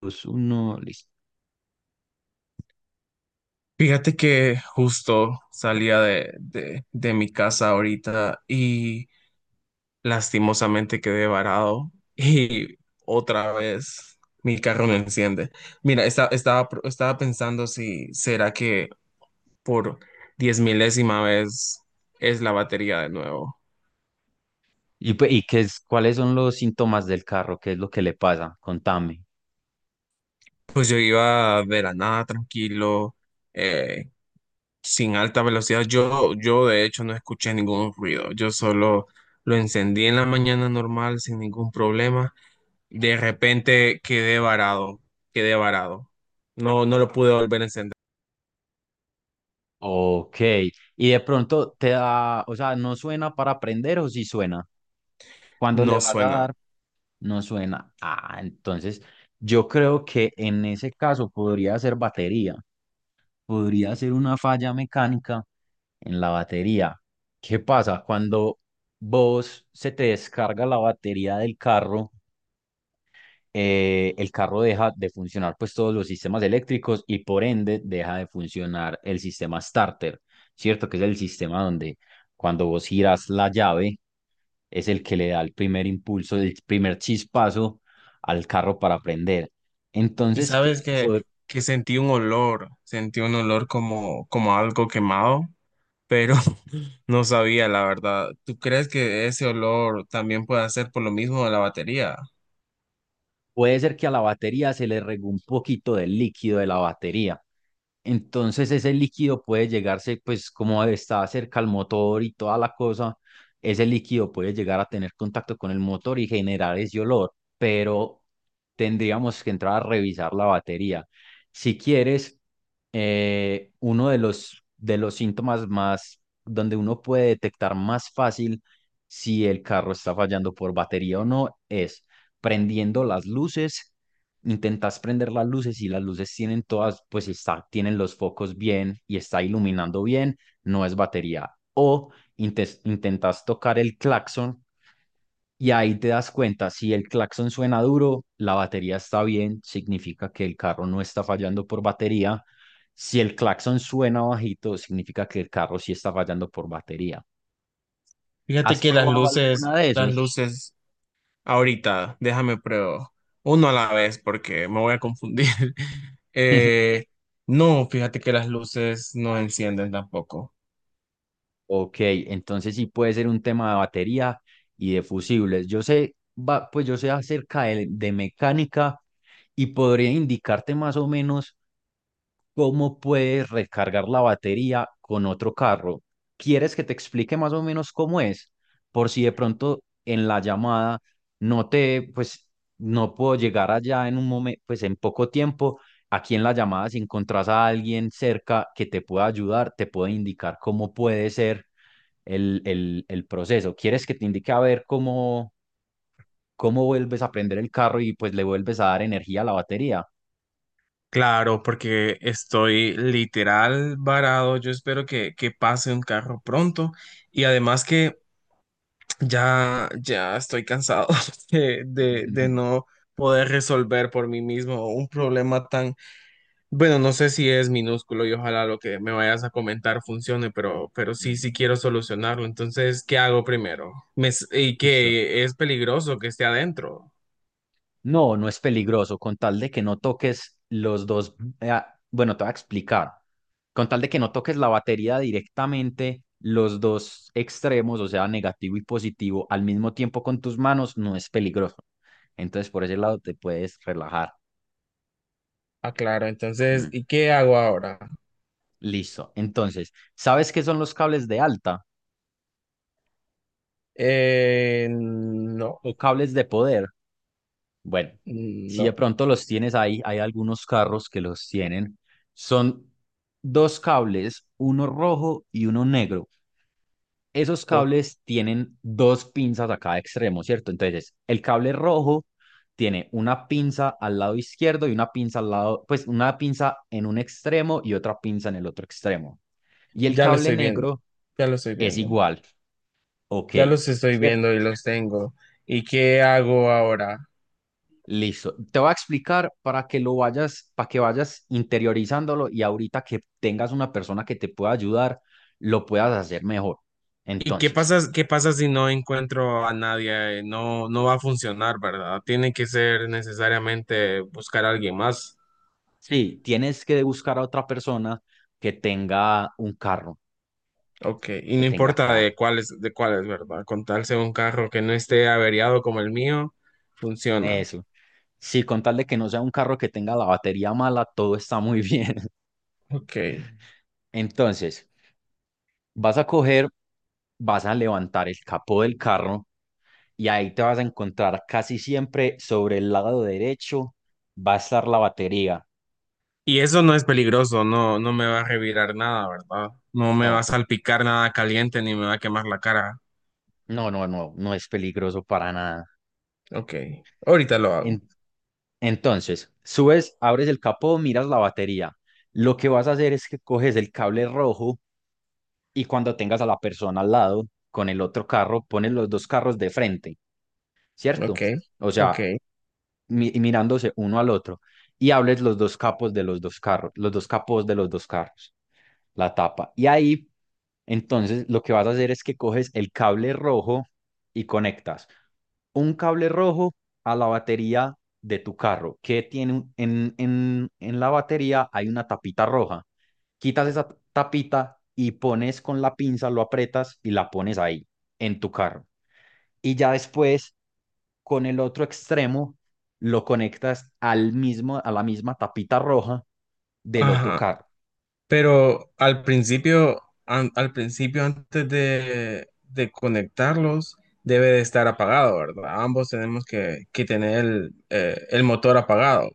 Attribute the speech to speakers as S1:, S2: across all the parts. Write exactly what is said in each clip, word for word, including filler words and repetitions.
S1: Dos, uno, listo.
S2: Fíjate que justo salía de, de, de mi casa ahorita y lastimosamente quedé varado y otra vez mi carro no enciende. Mira, esta- estaba, pro- estaba pensando si será que por diez milésima vez es la batería de nuevo.
S1: ¿Y, pues, y qué es, cuáles son los síntomas del carro? ¿Qué es lo que le pasa? Contame.
S2: Pues yo iba de la nada tranquilo, eh, sin alta velocidad. Yo, yo de hecho no escuché ningún ruido. Yo solo lo encendí en la mañana normal sin ningún problema. De repente quedé varado, quedé varado. No, no lo pude volver a encender.
S1: Ok. Y de pronto te da, o sea, ¿no suena para aprender o sí suena? Cuando le
S2: No
S1: vas a
S2: suena.
S1: dar, no suena. Ah, entonces yo creo que en ese caso podría ser batería. Podría ser una falla mecánica en la batería. ¿Qué pasa? Cuando vos se te descarga la batería del carro eh, el carro deja de funcionar, pues, todos los sistemas eléctricos y por ende deja de funcionar el sistema starter, ¿cierto? Que es el sistema donde cuando vos giras la llave es el que le da el primer impulso, el primer chispazo al carro para prender.
S2: Y
S1: Entonces, ¿qué
S2: sabes
S1: te
S2: que,
S1: pod-
S2: que sentí un olor, sentí un olor como, como algo quemado, pero no sabía la verdad. ¿Tú crees que ese olor también puede ser por lo mismo de la batería?
S1: puede ser que a la batería se le regó un poquito del líquido de la batería. Entonces ese líquido puede llegarse, pues como está cerca al motor y toda la cosa, ese líquido puede llegar a tener contacto con el motor y generar ese olor, pero tendríamos que entrar a revisar la batería. Si quieres, eh, uno de los, de los síntomas más, donde uno puede detectar más fácil si el carro está fallando por batería o no, es prendiendo las luces, intentas prender las luces y las luces tienen todas, pues está, tienen los focos bien y está iluminando bien, no es batería. O intes- intentas tocar el claxon y ahí te das cuenta, si el claxon suena duro, la batería está bien, significa que el carro no está fallando por batería. Si el claxon suena bajito, significa que el carro sí está fallando por batería.
S2: Fíjate
S1: ¿Has
S2: que las
S1: probado
S2: luces,
S1: alguna de
S2: las
S1: esos?
S2: luces. Ahorita, déjame pruebo uno a la vez porque me voy a confundir. Eh, no, fíjate que las luces no encienden tampoco.
S1: Ok, entonces sí puede ser un tema de batería y de fusibles. Yo sé, va, pues yo sé acerca de, de mecánica y podría indicarte más o menos cómo puedes recargar la batería con otro carro. ¿Quieres que te explique más o menos cómo es? Por si de pronto en la llamada no te, pues no puedo llegar allá en un momento, pues en poco tiempo. Aquí en la llamada, si encontrás a alguien cerca que te pueda ayudar, te puede indicar cómo puede ser el, el, el proceso. ¿Quieres que te indique a ver cómo, cómo vuelves a prender el carro y pues le vuelves a dar energía a la batería?
S2: Claro, porque estoy literal varado. Yo espero que, que pase un carro pronto y además que ya, ya estoy cansado de, de, de no poder resolver por mí mismo un problema tan... Bueno, no sé si es minúsculo y ojalá lo que me vayas a comentar funcione, pero, pero sí, sí
S1: Mm,
S2: quiero solucionarlo. Entonces, ¿qué hago primero? Me s- y
S1: Listo.
S2: que es peligroso que esté adentro.
S1: No, no es peligroso, con tal de que no toques los dos, eh, bueno, te voy a explicar, con tal de que no toques la batería directamente, los dos extremos, o sea, negativo y positivo, al mismo tiempo con tus manos, no es peligroso. Entonces, por ese lado te puedes relajar.
S2: Ah, claro. Entonces,
S1: Mm,
S2: ¿y qué hago ahora?
S1: Listo. Entonces, ¿sabes qué son los cables de alta?
S2: Eh, no,
S1: O cables de poder. Bueno, si de
S2: no,
S1: pronto los tienes ahí, hay algunos carros que los tienen. Son dos cables, uno rojo y uno negro. Esos
S2: oh,
S1: cables tienen dos pinzas a cada extremo, ¿cierto? Entonces, el cable rojo tiene una pinza al lado izquierdo y una pinza al lado, pues una pinza en un extremo y otra pinza en el otro extremo. Y el
S2: ya lo
S1: cable
S2: estoy viendo,
S1: negro
S2: ya lo estoy
S1: es
S2: viendo,
S1: igual, ok.
S2: ya los estoy
S1: ¿cierto?
S2: viendo y los tengo. ¿Y qué hago ahora?
S1: Listo. Te voy a explicar para que lo vayas, para que vayas interiorizándolo y ahorita que tengas una persona que te pueda ayudar, lo puedas hacer mejor.
S2: ¿Y qué
S1: Entonces,
S2: pasa, qué pasa si no encuentro a nadie? Eh, No, no va a funcionar, ¿verdad? Tiene que ser necesariamente buscar a alguien más.
S1: sí, tienes que buscar a otra persona que tenga un carro,
S2: Ok, y
S1: que
S2: no
S1: tenga
S2: importa
S1: carro.
S2: de cuáles, de cuáles, ¿verdad? Con tal sea un carro que no esté averiado como el mío, funciona.
S1: Eso. Sí, con tal de que no sea un carro que tenga la batería mala, todo está muy bien.
S2: Ok.
S1: Entonces, vas a coger, vas a levantar el capó del carro y ahí te vas a encontrar casi siempre sobre el lado derecho va a estar la batería.
S2: Y eso no es peligroso, no, no me va a revirar nada, ¿verdad? No me va a
S1: No,
S2: salpicar nada caliente ni me va a quemar la cara.
S1: no, no, no, no es peligroso para nada.
S2: Ok, ahorita lo hago.
S1: En- entonces, subes, abres el capó, miras la batería. Lo que vas a hacer es que coges el cable rojo y cuando tengas a la persona al lado con el otro carro, pones los dos carros de frente,
S2: Ok,
S1: ¿cierto? O
S2: ok.
S1: sea, mi- mirándose uno al otro y hables los dos capos de los dos carros, los dos capos de los dos carros. La tapa. Y ahí, entonces, lo que vas a hacer es que coges el cable rojo y conectas un cable rojo a la batería de tu carro, que tiene un- en, en, en la batería hay una tapita roja. Quitas esa tapita y pones con la pinza, lo aprietas y la pones ahí, en tu carro. Y ya después, con el otro extremo, lo conectas al mismo, a la misma tapita roja del otro
S2: Ajá.
S1: carro.
S2: Pero al principio, an- al principio antes de, de conectarlos, debe de estar apagado, ¿verdad? Ambos tenemos que, que tener el, eh, el motor apagado.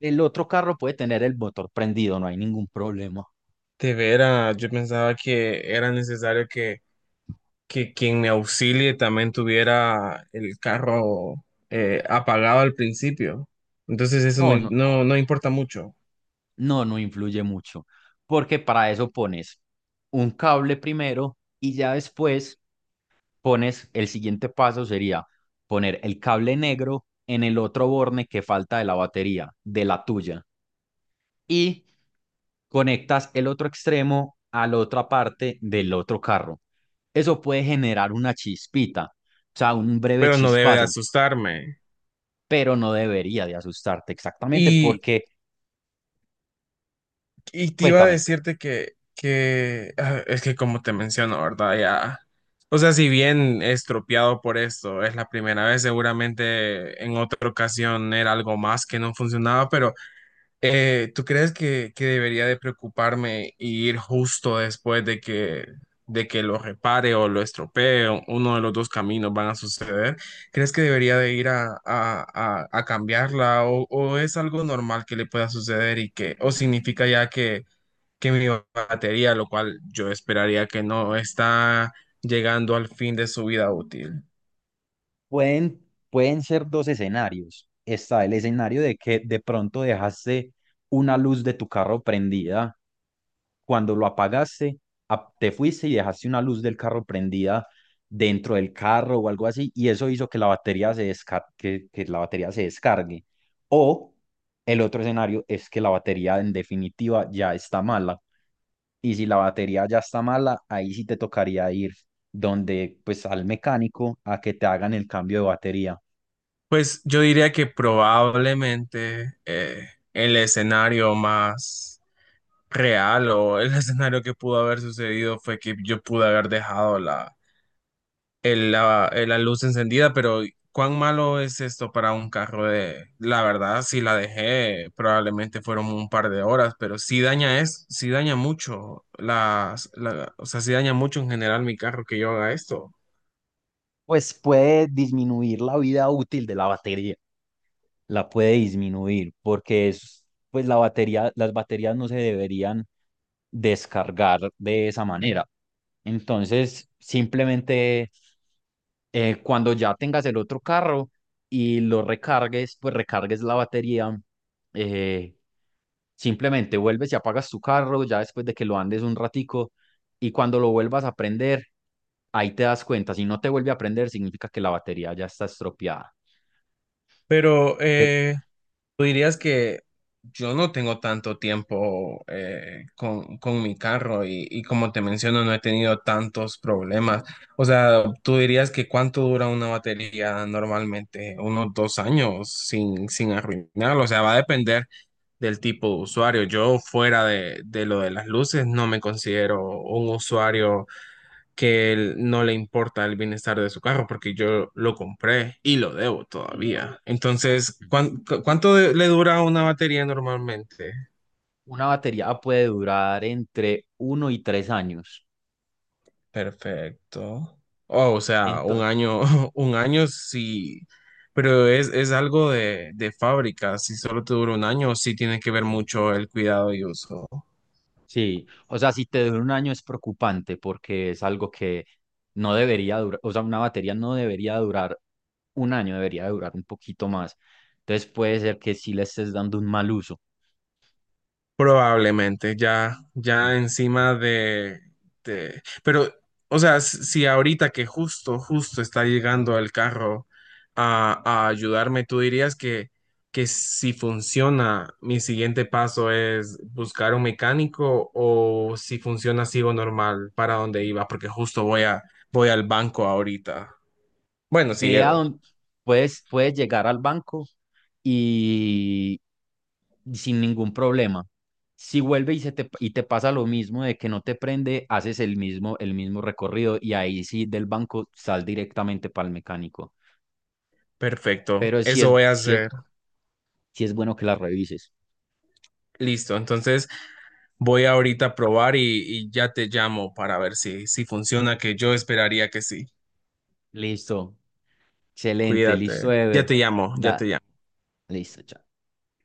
S1: El otro carro puede tener el motor prendido, no hay ningún problema.
S2: De veras, yo pensaba que era necesario que, que quien me auxilie también tuviera el carro eh, apagado al principio. Entonces eso no,
S1: No, no,
S2: no, no importa mucho,
S1: no, no influye mucho, porque para eso pones un cable primero y ya después pones, el siguiente paso sería poner el cable negro en el otro borne que falta de la batería, de la tuya, y conectas el otro extremo a la otra parte del otro carro. Eso puede generar una chispita, o sea, un breve
S2: pero no debe de
S1: chispazo,
S2: asustarme.
S1: pero no debería de asustarte exactamente porque...
S2: Y te iba a
S1: Cuéntame,
S2: decirte que, que ah, es que como te menciono, ¿verdad? Ya, o sea, si bien estropeado por esto, es la primera vez, seguramente en otra ocasión era algo más que no funcionaba, pero eh, ¿tú crees que, que debería de preocuparme y ir justo después de que, de que lo repare o lo estropee, o uno de los dos caminos van a suceder? ¿Crees que debería de ir a, a, a, a cambiarla o, o es algo normal que le pueda suceder y que, o significa ya que que mi batería, lo cual yo esperaría que no está llegando al fin de su vida útil.
S1: pueden, pueden ser dos escenarios. Está el escenario de que de pronto dejaste una luz de tu carro prendida. Cuando lo apagaste, ap- te fuiste y dejaste una luz del carro prendida dentro del carro o algo así, y eso hizo que la batería se desca- que, que la batería se descargue. O el otro escenario es que la batería en definitiva ya está mala. Y si la batería ya está mala, ahí sí te tocaría ir donde, pues al mecánico a que te hagan el cambio de batería.
S2: Pues yo diría que probablemente eh, el escenario más real o el escenario que pudo haber sucedido fue que yo pude haber dejado la el- la, eh, la luz encendida, pero ¿cuán malo es esto para un carro de... La verdad, si la dejé, probablemente fueron un par de horas, pero sí daña es, sí daña mucho, las, la- o sea, sí daña mucho en general mi carro que yo haga esto.
S1: Pues puede disminuir la vida útil de la batería. La puede disminuir porque es, pues la batería, las baterías no se deberían descargar de esa manera. Entonces, simplemente eh, cuando ya tengas el otro carro y lo recargues, pues recargues la batería, eh, simplemente vuelves y apagas tu carro ya después de que lo andes un ratico y cuando lo vuelvas a prender, ahí te das cuenta, si no te vuelve a prender, significa que la batería ya está estropeada.
S2: Pero,
S1: Pero...
S2: eh, tú dirías que yo no tengo tanto tiempo eh, con, con mi carro y, y como te menciono, no he tenido tantos problemas. O sea, tú dirías que cuánto dura una batería normalmente, unos dos años sin, sin arruinarlo. O sea, va a depender del tipo de usuario. Yo fuera de, de lo de las luces no me considero un usuario que él no le importa el bienestar de su carro porque yo lo compré y lo debo todavía. Entonces, ¿cuán- cu- ¿cuánto de- le dura una batería normalmente?
S1: Una batería puede durar entre uno y tres años.
S2: Perfecto. Oh, o sea, un
S1: Entonces,
S2: año, un año sí, pero es, es algo de, de fábrica. Si solo te dura un año, sí tiene que ver mucho el cuidado y uso.
S1: sí, o sea, si te dura un año es preocupante porque es algo que no debería durar, o sea, una batería no debería durar un año, debería durar un poquito más. Entonces puede ser que sí le estés dando un mal uso.
S2: Probablemente, ya, ya
S1: Mm. Mm.
S2: encima de, de- pero, o sea, s- si ahorita que justo, justo está llegando el carro a, a ayudarme, tú dirías que, que si funciona, mi siguiente paso es buscar un mecánico o si funciona, sigo normal para donde iba, porque justo voy a, voy al banco ahorita. Bueno, sí,
S1: Ve a
S2: Evo.
S1: dónde puedes, puedes llegar al banco y, y sin ningún problema. Si vuelve y, se te, y te pasa lo mismo de que no te prende, haces el mismo, el mismo recorrido y ahí sí del banco sal directamente para el mecánico.
S2: Perfecto.
S1: Pero sí
S2: Eso
S1: es,
S2: voy a
S1: sí es,
S2: hacer.
S1: sí es bueno que la revises.
S2: Listo. Entonces voy ahorita a probar y, y ya te llamo para ver si, si funciona, que yo esperaría que sí.
S1: Listo. Excelente. Listo,
S2: Cuídate. Ya
S1: Ever.
S2: te llamo, ya te
S1: Da.
S2: llamo.
S1: Listo, chao.